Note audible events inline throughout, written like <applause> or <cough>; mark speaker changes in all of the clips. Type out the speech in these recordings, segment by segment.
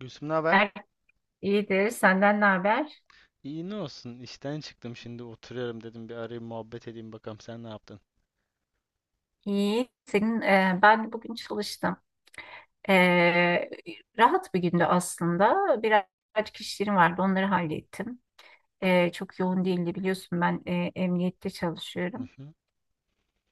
Speaker 1: Gülsüm ne haber?
Speaker 2: Er, iyidir. Senden ne haber?
Speaker 1: İyi, ne olsun, işten çıktım, şimdi oturuyorum, dedim bir arayayım muhabbet edeyim, bakalım sen ne yaptın?
Speaker 2: İyi. Ben bugün çalıştım. E, Rahat bir gündü aslında. Birazcık işlerim vardı. Onları hallettim. Çok yoğun değildi. Biliyorsun ben emniyette
Speaker 1: Hı
Speaker 2: çalışıyorum.
Speaker 1: hı.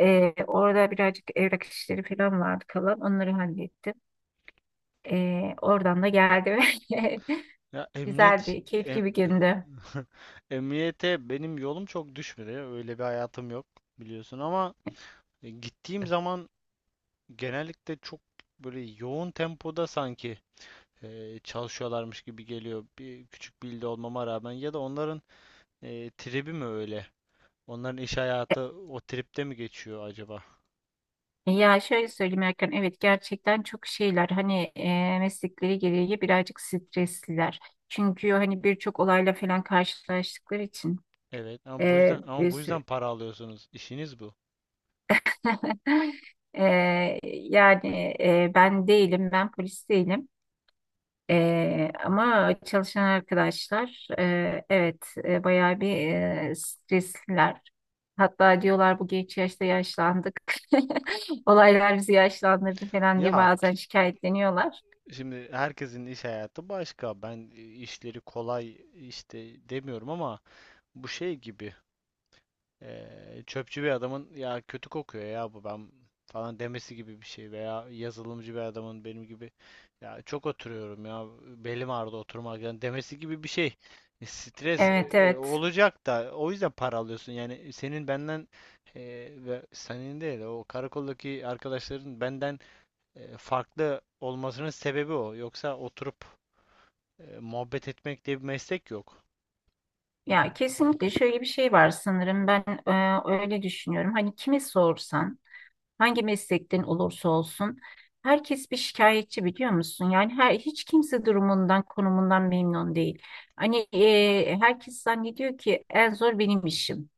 Speaker 2: Orada birazcık evrak işleri falan vardı kalan. Onları hallettim. Oradan da geldim. <laughs>
Speaker 1: Ya
Speaker 2: Güzel bir,
Speaker 1: em-
Speaker 2: keyifli bir gündü.
Speaker 1: <laughs> emniyete benim yolum çok düşmüyor, öyle bir hayatım yok biliyorsun, ama gittiğim zaman genellikle çok böyle yoğun tempoda sanki çalışıyorlarmış gibi geliyor, bir küçük bir ilde olmama rağmen. Ya da onların tribi mi öyle? Onların iş hayatı o tripte mi geçiyor acaba?
Speaker 2: Ya şöyle söyleyeyim Erkan, evet gerçekten çok şeyler hani meslekleri gereği birazcık stresliler. Çünkü hani birçok olayla falan karşılaştıkları için
Speaker 1: Evet ama bu yüzden,
Speaker 2: bir sürü...
Speaker 1: para alıyorsunuz, işiniz bu.
Speaker 2: <laughs> E, yani ben değilim, ben polis değilim. Ama çalışan arkadaşlar evet bayağı bir stresliler. Hatta diyorlar bu geç yaşta yaşlandık. <laughs> Olaylar bizi yaşlandırdı falan diye
Speaker 1: Ya
Speaker 2: bazen
Speaker 1: ki-
Speaker 2: şikayetleniyorlar.
Speaker 1: Şimdi herkesin iş hayatı başka. Ben işleri kolay işte demiyorum ama bu şey gibi, çöpçü bir adamın ya kötü kokuyor ya bu ben falan demesi gibi bir şey, veya yazılımcı bir adamın benim gibi ya çok oturuyorum ya belim ağrıdı oturmaktan demesi gibi bir şey. Stres
Speaker 2: Evet, evet.
Speaker 1: olacak da, o yüzden para alıyorsun. Yani senin benden, e, ve senin değil, o karakoldaki arkadaşların benden farklı olmasının sebebi o. Yoksa oturup muhabbet etmek diye bir meslek yok.
Speaker 2: Ya kesinlikle şöyle bir şey var sanırım ben öyle düşünüyorum. Hani kimi sorsan, hangi meslekten olursa olsun herkes bir şikayetçi biliyor musun? Yani her hiç kimse durumundan, konumundan memnun değil. Hani herkes zannediyor ki en zor benim işim.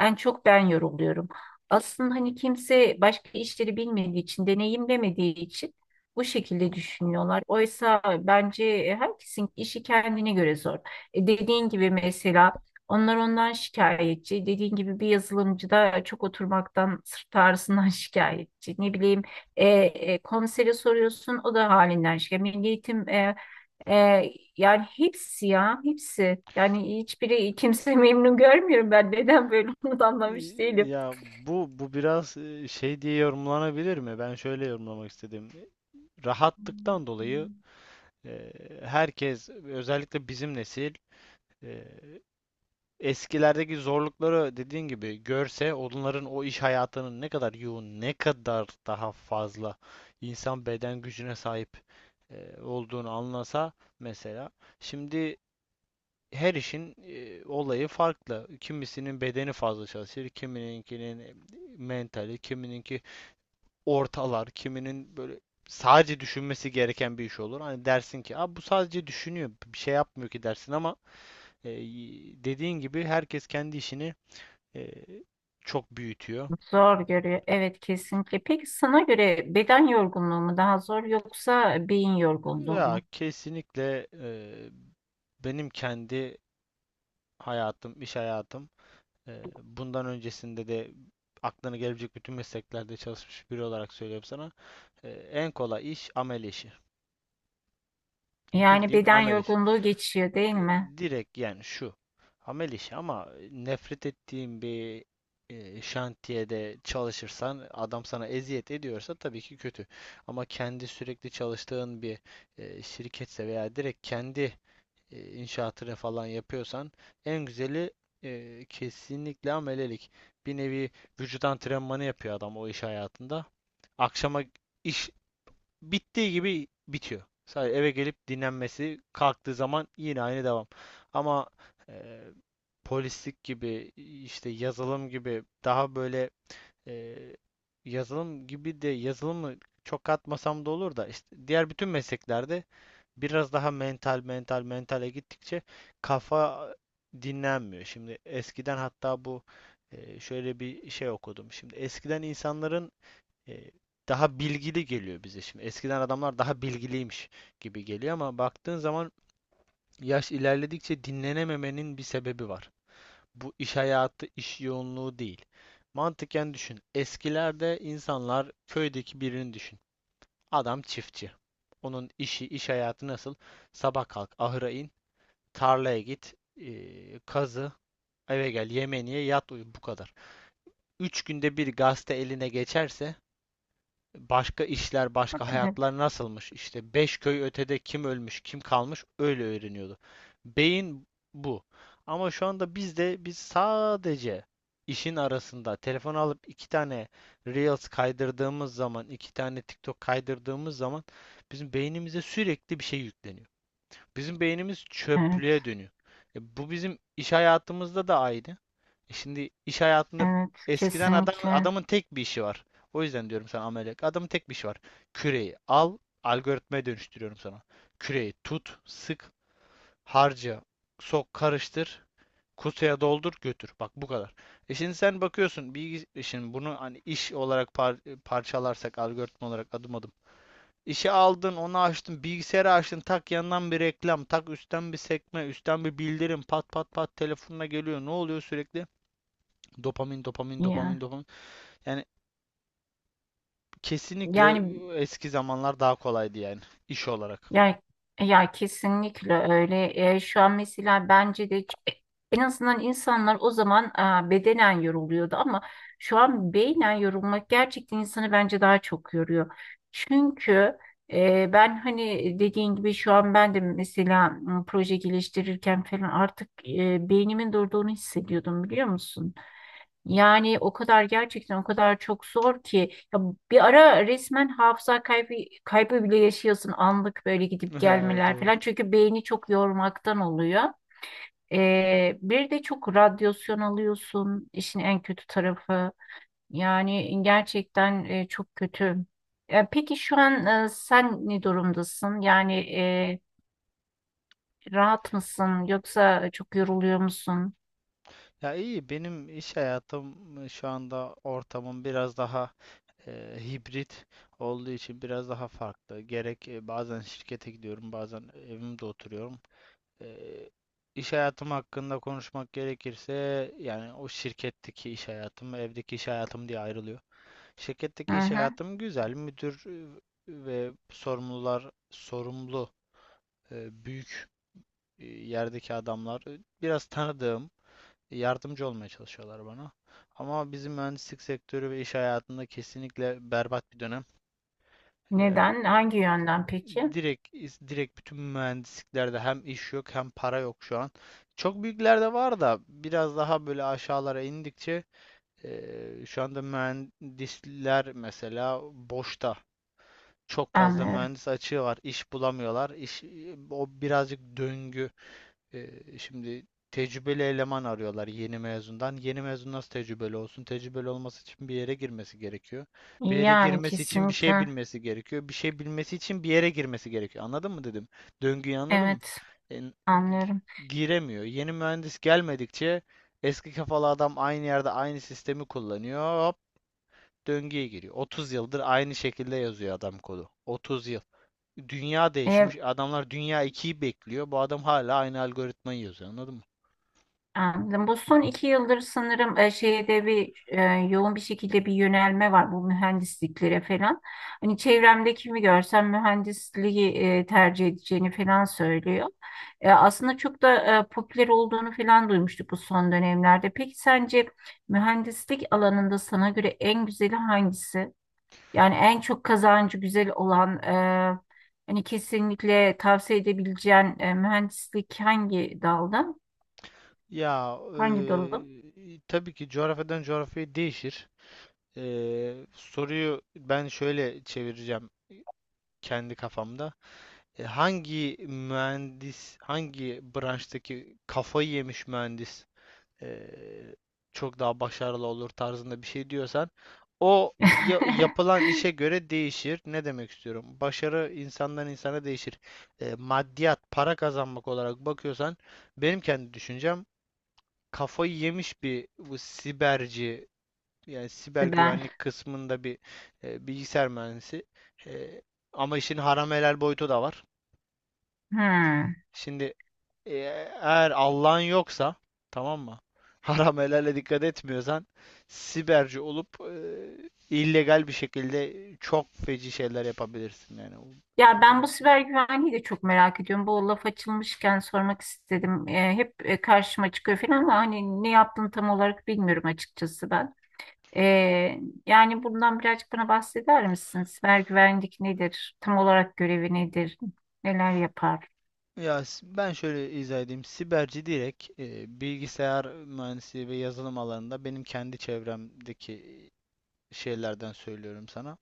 Speaker 2: En çok ben yoruluyorum. Aslında hani kimse başka işleri bilmediği için, deneyimlemediği için bu şekilde düşünüyorlar. Oysa bence herkesin işi kendine göre zor. Dediğin gibi mesela onlar ondan şikayetçi. Dediğin gibi bir yazılımcı da çok oturmaktan, sırt ağrısından <laughs> şikayetçi. Ne bileyim komisere soruyorsun o da halinden şikayetçi. Milli Eğitim, yani hepsi ya hepsi. Yani hiçbiri, <laughs> memnun görmüyorum ben. Neden böyle <laughs> onu da
Speaker 1: E,
Speaker 2: anlamış değilim.
Speaker 1: Ya bu biraz şey diye yorumlanabilir mi? Ben şöyle yorumlamak istedim. Rahatlıktan dolayı, e, herkes, özellikle bizim nesil, e, eskilerdeki zorlukları dediğin gibi görse, onların o iş hayatının ne kadar yoğun, ne kadar daha fazla insan beden gücüne sahip olduğunu anlasa, mesela. Şimdi her işin olayı farklı. Kimisinin bedeni fazla çalışır, kimininkinin mentali, kimininki ortalar, kiminin böyle sadece düşünmesi gereken bir iş olur. Hani dersin ki, "Aa, bu sadece düşünüyor, bir şey yapmıyor ki," dersin ama e, dediğin gibi herkes kendi işini e, çok büyütüyor.
Speaker 2: Zor görüyor. Evet kesinlikle. Peki sana göre beden yorgunluğu mu daha zor yoksa beyin yorgunluğu
Speaker 1: Ya
Speaker 2: mu?
Speaker 1: kesinlikle, benim kendi hayatım, iş hayatım, bundan öncesinde de aklına gelebilecek bütün mesleklerde çalışmış biri olarak söylüyorum sana. En kolay iş amel işi.
Speaker 2: Yani
Speaker 1: Bildiğin
Speaker 2: beden
Speaker 1: amel işi.
Speaker 2: yorgunluğu geçiyor değil
Speaker 1: Ee,
Speaker 2: mi?
Speaker 1: Direkt yani şu. Amel işi, ama nefret ettiğin bir şantiyede çalışırsan, adam sana eziyet ediyorsa tabii ki kötü. Ama kendi sürekli çalıştığın bir şirketse, veya direkt kendi inşaatını falan yapıyorsan, en güzeli kesinlikle amelelik. Bir nevi vücut antrenmanı yapıyor adam o iş hayatında. Akşama iş bittiği gibi bitiyor. Sadece eve gelip dinlenmesi, kalktığı zaman yine aynı devam. Ama e, polislik gibi, işte yazılım gibi daha böyle, e, yazılım gibi de yazılımı çok katmasam da olur, da işte diğer bütün mesleklerde biraz daha mentale gittikçe kafa dinlenmiyor. Şimdi eskiden, hatta bu şöyle bir şey okudum. Şimdi eskiden insanların e, daha bilgili geliyor bize şimdi. Eskiden adamlar daha bilgiliymiş gibi geliyor, ama baktığın zaman yaş ilerledikçe dinlenememenin bir sebebi var. Bu iş hayatı, iş yoğunluğu değil. Mantıken düşün. Eskilerde insanlar, köydeki birini düşün. Adam çiftçi. Onun işi, iş hayatı nasıl? Sabah kalk, ahıra in, tarlaya git, kazı, eve gel, yemeğini ye, yat uyu, bu kadar. 3 günde bir gazete eline geçerse başka işler, başka
Speaker 2: Evet,
Speaker 1: hayatlar nasılmış, İşte beş köy ötede kim ölmüş, kim kalmış, öyle öğreniyordu. Beyin bu. Ama şu anda bizde biz sadece işin arasında telefon alıp iki tane Reels kaydırdığımız zaman, iki tane TikTok kaydırdığımız zaman bizim beynimize sürekli bir şey yükleniyor. Bizim beynimiz
Speaker 2: evet,
Speaker 1: çöplüğe dönüyor. Bu bizim iş hayatımızda da aynı. Şimdi iş hayatında,
Speaker 2: evet
Speaker 1: eskiden adam,
Speaker 2: kesinlikle.
Speaker 1: adamın tek bir işi var. O yüzden diyorum sana, ameliyat. Adamın tek bir işi var. Küreyi al, algoritmaya dönüştürüyorum sana. Küreyi tut, sık, harca, sok, karıştır, kutuya doldur, götür. Bak, bu kadar. Şimdi sen bakıyorsun bilgi, şimdi bunu hani iş olarak parçalarsak, algoritma olarak adım adım. İşi aldın, onu açtın, bilgisayarı açtın, tak yandan bir reklam, tak üstten bir sekme, üstten bir bildirim, pat pat pat telefonuna geliyor. Ne oluyor sürekli? Dopamin, dopamin,
Speaker 2: Yani,
Speaker 1: dopamin, dopamin. Yani kesinlikle,
Speaker 2: yani
Speaker 1: eski zamanlar daha kolaydı yani, iş olarak.
Speaker 2: Ya, ya, kesinlikle öyle. Şu an mesela bence de ç- en azından insanlar o zaman bedenen yoruluyordu ama şu an beynen yorulmak gerçekten insanı bence daha çok yoruyor. Çünkü ben hani dediğin gibi şu an ben de mesela proje geliştirirken falan artık beynimin durduğunu hissediyordum biliyor musun? Yani o kadar gerçekten o kadar çok zor ki ya bir ara resmen hafıza kaybı bile yaşıyorsun anlık böyle gidip
Speaker 1: <laughs> Ha,
Speaker 2: gelmeler
Speaker 1: doğru.
Speaker 2: falan çünkü beyni çok yormaktan oluyor. Bir de çok radyasyon alıyorsun işin en kötü tarafı yani gerçekten çok kötü. Peki şu an, sen ne durumdasın yani rahat mısın yoksa çok yoruluyor musun?
Speaker 1: Ya iyi, benim iş hayatım şu anda, ortamım biraz daha hibrit olduğu için biraz daha farklı. Gerek bazen şirkete gidiyorum, bazen evimde oturuyorum. Eee, iş hayatım hakkında konuşmak gerekirse, yani o şirketteki iş hayatım ve evdeki iş hayatım diye ayrılıyor.
Speaker 2: Hı
Speaker 1: Şirketteki iş
Speaker 2: hı.
Speaker 1: hayatım güzel. Müdür ve sorumlular, sorumlu büyük yerdeki adamlar biraz tanıdığım, yardımcı olmaya çalışıyorlar bana. Ama bizim mühendislik sektörü ve iş hayatında kesinlikle berbat bir dönem.
Speaker 2: Neden hangi yönden peki?
Speaker 1: Direkt, bütün mühendisliklerde hem iş yok hem para yok şu an. Çok büyüklerde var, da biraz daha böyle aşağılara indikçe şu anda mühendisler mesela boşta. Çok fazla
Speaker 2: Anlıyorum.
Speaker 1: mühendis açığı var. İş bulamıyorlar. İş, o birazcık döngü. Ee, Şimdi tecrübeli eleman arıyorlar, yeni mezundan. Yeni mezun nasıl tecrübeli olsun? Tecrübeli olması için bir yere girmesi gerekiyor. Bir yere
Speaker 2: Yani
Speaker 1: girmesi için bir şey
Speaker 2: kesinlikle.
Speaker 1: bilmesi gerekiyor. Bir şey bilmesi için bir yere girmesi gerekiyor. Anladın mı, dedim? Döngüyü anladın mı?
Speaker 2: Evet,
Speaker 1: E, gi-
Speaker 2: anlıyorum.
Speaker 1: Giremiyor. Yeni mühendis gelmedikçe, eski kafalı adam aynı yerde aynı sistemi kullanıyor. Hop, döngüye giriyor. 30 yıldır aynı şekilde yazıyor adam kodu. 30 yıl. Dünya
Speaker 2: E,
Speaker 1: değişmiş. Adamlar Dünya ikiyi bekliyor. Bu adam hala aynı algoritmayı yazıyor. Anladın mı?
Speaker 2: Anladım. Bu son iki yıldır sanırım şeyde bir yoğun bir şekilde bir yönelme var bu mühendisliklere falan. Hani çevremde kimi görsem mühendisliği tercih edeceğini falan söylüyor. Aslında çok da popüler olduğunu falan duymuştuk bu son dönemlerde. Peki sence mühendislik alanında sana göre en güzeli hangisi? Yani en çok kazancı güzel olan hani kesinlikle tavsiye edebileceğin mühendislik hangi dalda?
Speaker 1: Ya
Speaker 2: Hangi dalı?
Speaker 1: tabii ki coğrafyadan coğrafyaya değişir. Soruyu ben şöyle çevireceğim kendi kafamda. Hangi mühendis, hangi branştaki kafayı yemiş mühendis eee, çok daha başarılı olur tarzında bir şey diyorsan, o
Speaker 2: <laughs>
Speaker 1: yapılan işe göre değişir. Ne demek istiyorum? Başarı insandan insana değişir. Maddiyat, para kazanmak olarak bakıyorsan, benim kendi düşüncem, kafayı yemiş bir, bu siberci, yani siber
Speaker 2: Siber.
Speaker 1: güvenlik kısmında bir bilgisayar mühendisi. Eee, Ama işin haram helal boyutu da var.
Speaker 2: Hmm.
Speaker 1: Şimdi E, eğer Allah'ın yoksa, tamam mı? <laughs> Haram helale dikkat etmiyorsan, siberci olup illegal bir şekilde çok feci şeyler yapabilirsin yani.
Speaker 2: Ya ben
Speaker 1: Böyle-
Speaker 2: bu siber güvenliği de çok merak ediyorum. Bu laf açılmışken sormak istedim. Hep karşıma çıkıyor falan ama hani ne yaptığını tam olarak bilmiyorum açıkçası ben. E, Yani bundan birazcık bana bahseder misin? Siber güvenlik nedir? Tam olarak görevi nedir? Neler yapar?
Speaker 1: Ya ben şöyle izah edeyim. Siberci direkt bilgisayar mühendisliği ve yazılım alanında benim kendi çevremdeki şeylerden söylüyorum sana.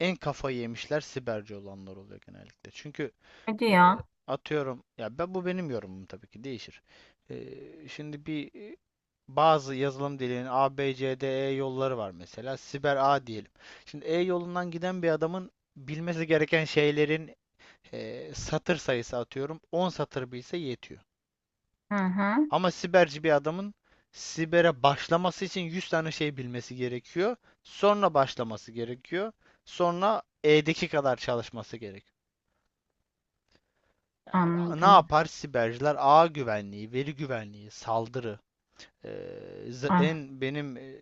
Speaker 1: En kafayı yemişler siberci olanlar oluyor genellikle. Çünkü
Speaker 2: Hadi ya.
Speaker 1: Atıyorum, ya ben, bu benim yorumum, tabii ki değişir. Şimdi bir bazı yazılım dilinin A, B, C, D, E yolları var mesela. Siber A diyelim. Şimdi E yolundan giden bir adamın bilmesi gereken şeylerin satır sayısı, atıyorum 10 satır bilse yetiyor.
Speaker 2: Hı hı,
Speaker 1: Ama siberci bir adamın sibere başlaması için 100 tane şey bilmesi gerekiyor. Sonra başlaması gerekiyor. Sonra E'deki kadar çalışması gerekiyor. Ne
Speaker 2: anladım.
Speaker 1: yapar siberciler? Ağ güvenliği, veri güvenliği, saldırı. Ee,
Speaker 2: Ah.
Speaker 1: En benim,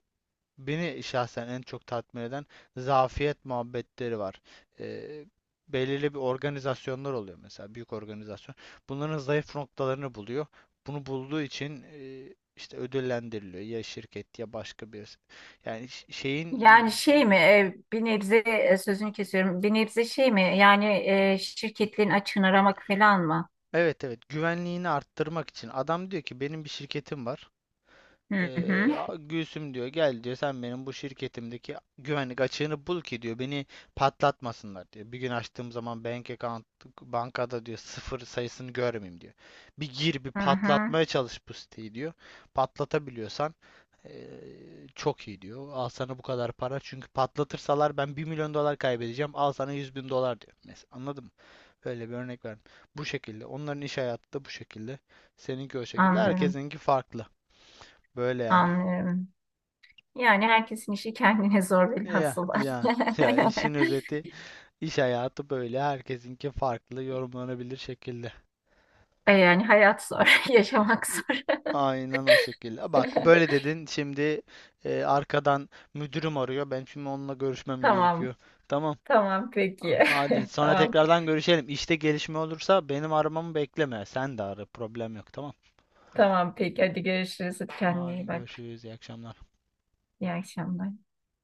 Speaker 1: beni şahsen en çok tatmin eden zafiyet muhabbetleri var. Ee, Belirli bir organizasyonlar oluyor mesela, büyük organizasyon. Bunların zayıf noktalarını buluyor. Bunu bulduğu için işte ödüllendiriliyor, ya şirket ya başka birisi. Yani şeyin,
Speaker 2: Yani şey mi bir nebze sözünü kesiyorum. Bir nebze şey mi yani şirketlerin açığını aramak falan mı?
Speaker 1: evet, evet, güvenliğini arttırmak için. Adam diyor ki, benim bir şirketim var.
Speaker 2: Hı hı,
Speaker 1: Gülsüm, diyor, gel diyor, sen benim bu şirketimdeki güvenlik açığını bul ki diyor, beni patlatmasınlar diyor. Bir gün açtığım zaman bank account, bankada, diyor, sıfır sayısını görmeyeyim diyor. Bir gir, bir
Speaker 2: hı hı,
Speaker 1: patlatmaya çalış bu siteyi diyor. Patlatabiliyorsan ee, çok iyi diyor. Al sana bu kadar para, çünkü patlatırsalar ben 1 milyon dolar kaybedeceğim. Al sana 100 bin dolar diyor. Mesela, anladın mı? Böyle bir örnek verdim. Bu şekilde. Onların iş hayatı da bu şekilde. Seninki o şekilde.
Speaker 2: anlıyorum,
Speaker 1: Herkesinki farklı. Böyle yani.
Speaker 2: anlıyorum. Yani herkesin işi kendine zor
Speaker 1: Ya
Speaker 2: bilhassa.
Speaker 1: ya ya, işin
Speaker 2: <laughs>
Speaker 1: özeti, iş hayatı böyle, herkesinki farklı yorumlanabilir şekilde.
Speaker 2: Yani hayat zor, <laughs> yaşamak
Speaker 1: İ-
Speaker 2: zor.
Speaker 1: Aynen o şekilde. Bak, böyle
Speaker 2: <laughs>
Speaker 1: dedin şimdi arkadan müdürüm arıyor. Ben şimdi onunla görüşmem
Speaker 2: Tamam,
Speaker 1: gerekiyor. Tamam.
Speaker 2: tamam peki.
Speaker 1: Hadi,
Speaker 2: <laughs>
Speaker 1: sonra
Speaker 2: Tamam,
Speaker 1: tekrardan görüşelim. İşte gelişme olursa benim aramamı bekleme, sen de ara, problem yok, tamam.
Speaker 2: tamam peki. Hadi görüşürüz. Kendine iyi
Speaker 1: Hadi
Speaker 2: bak.
Speaker 1: görüşürüz, iyi akşamlar.
Speaker 2: İyi akşamlar.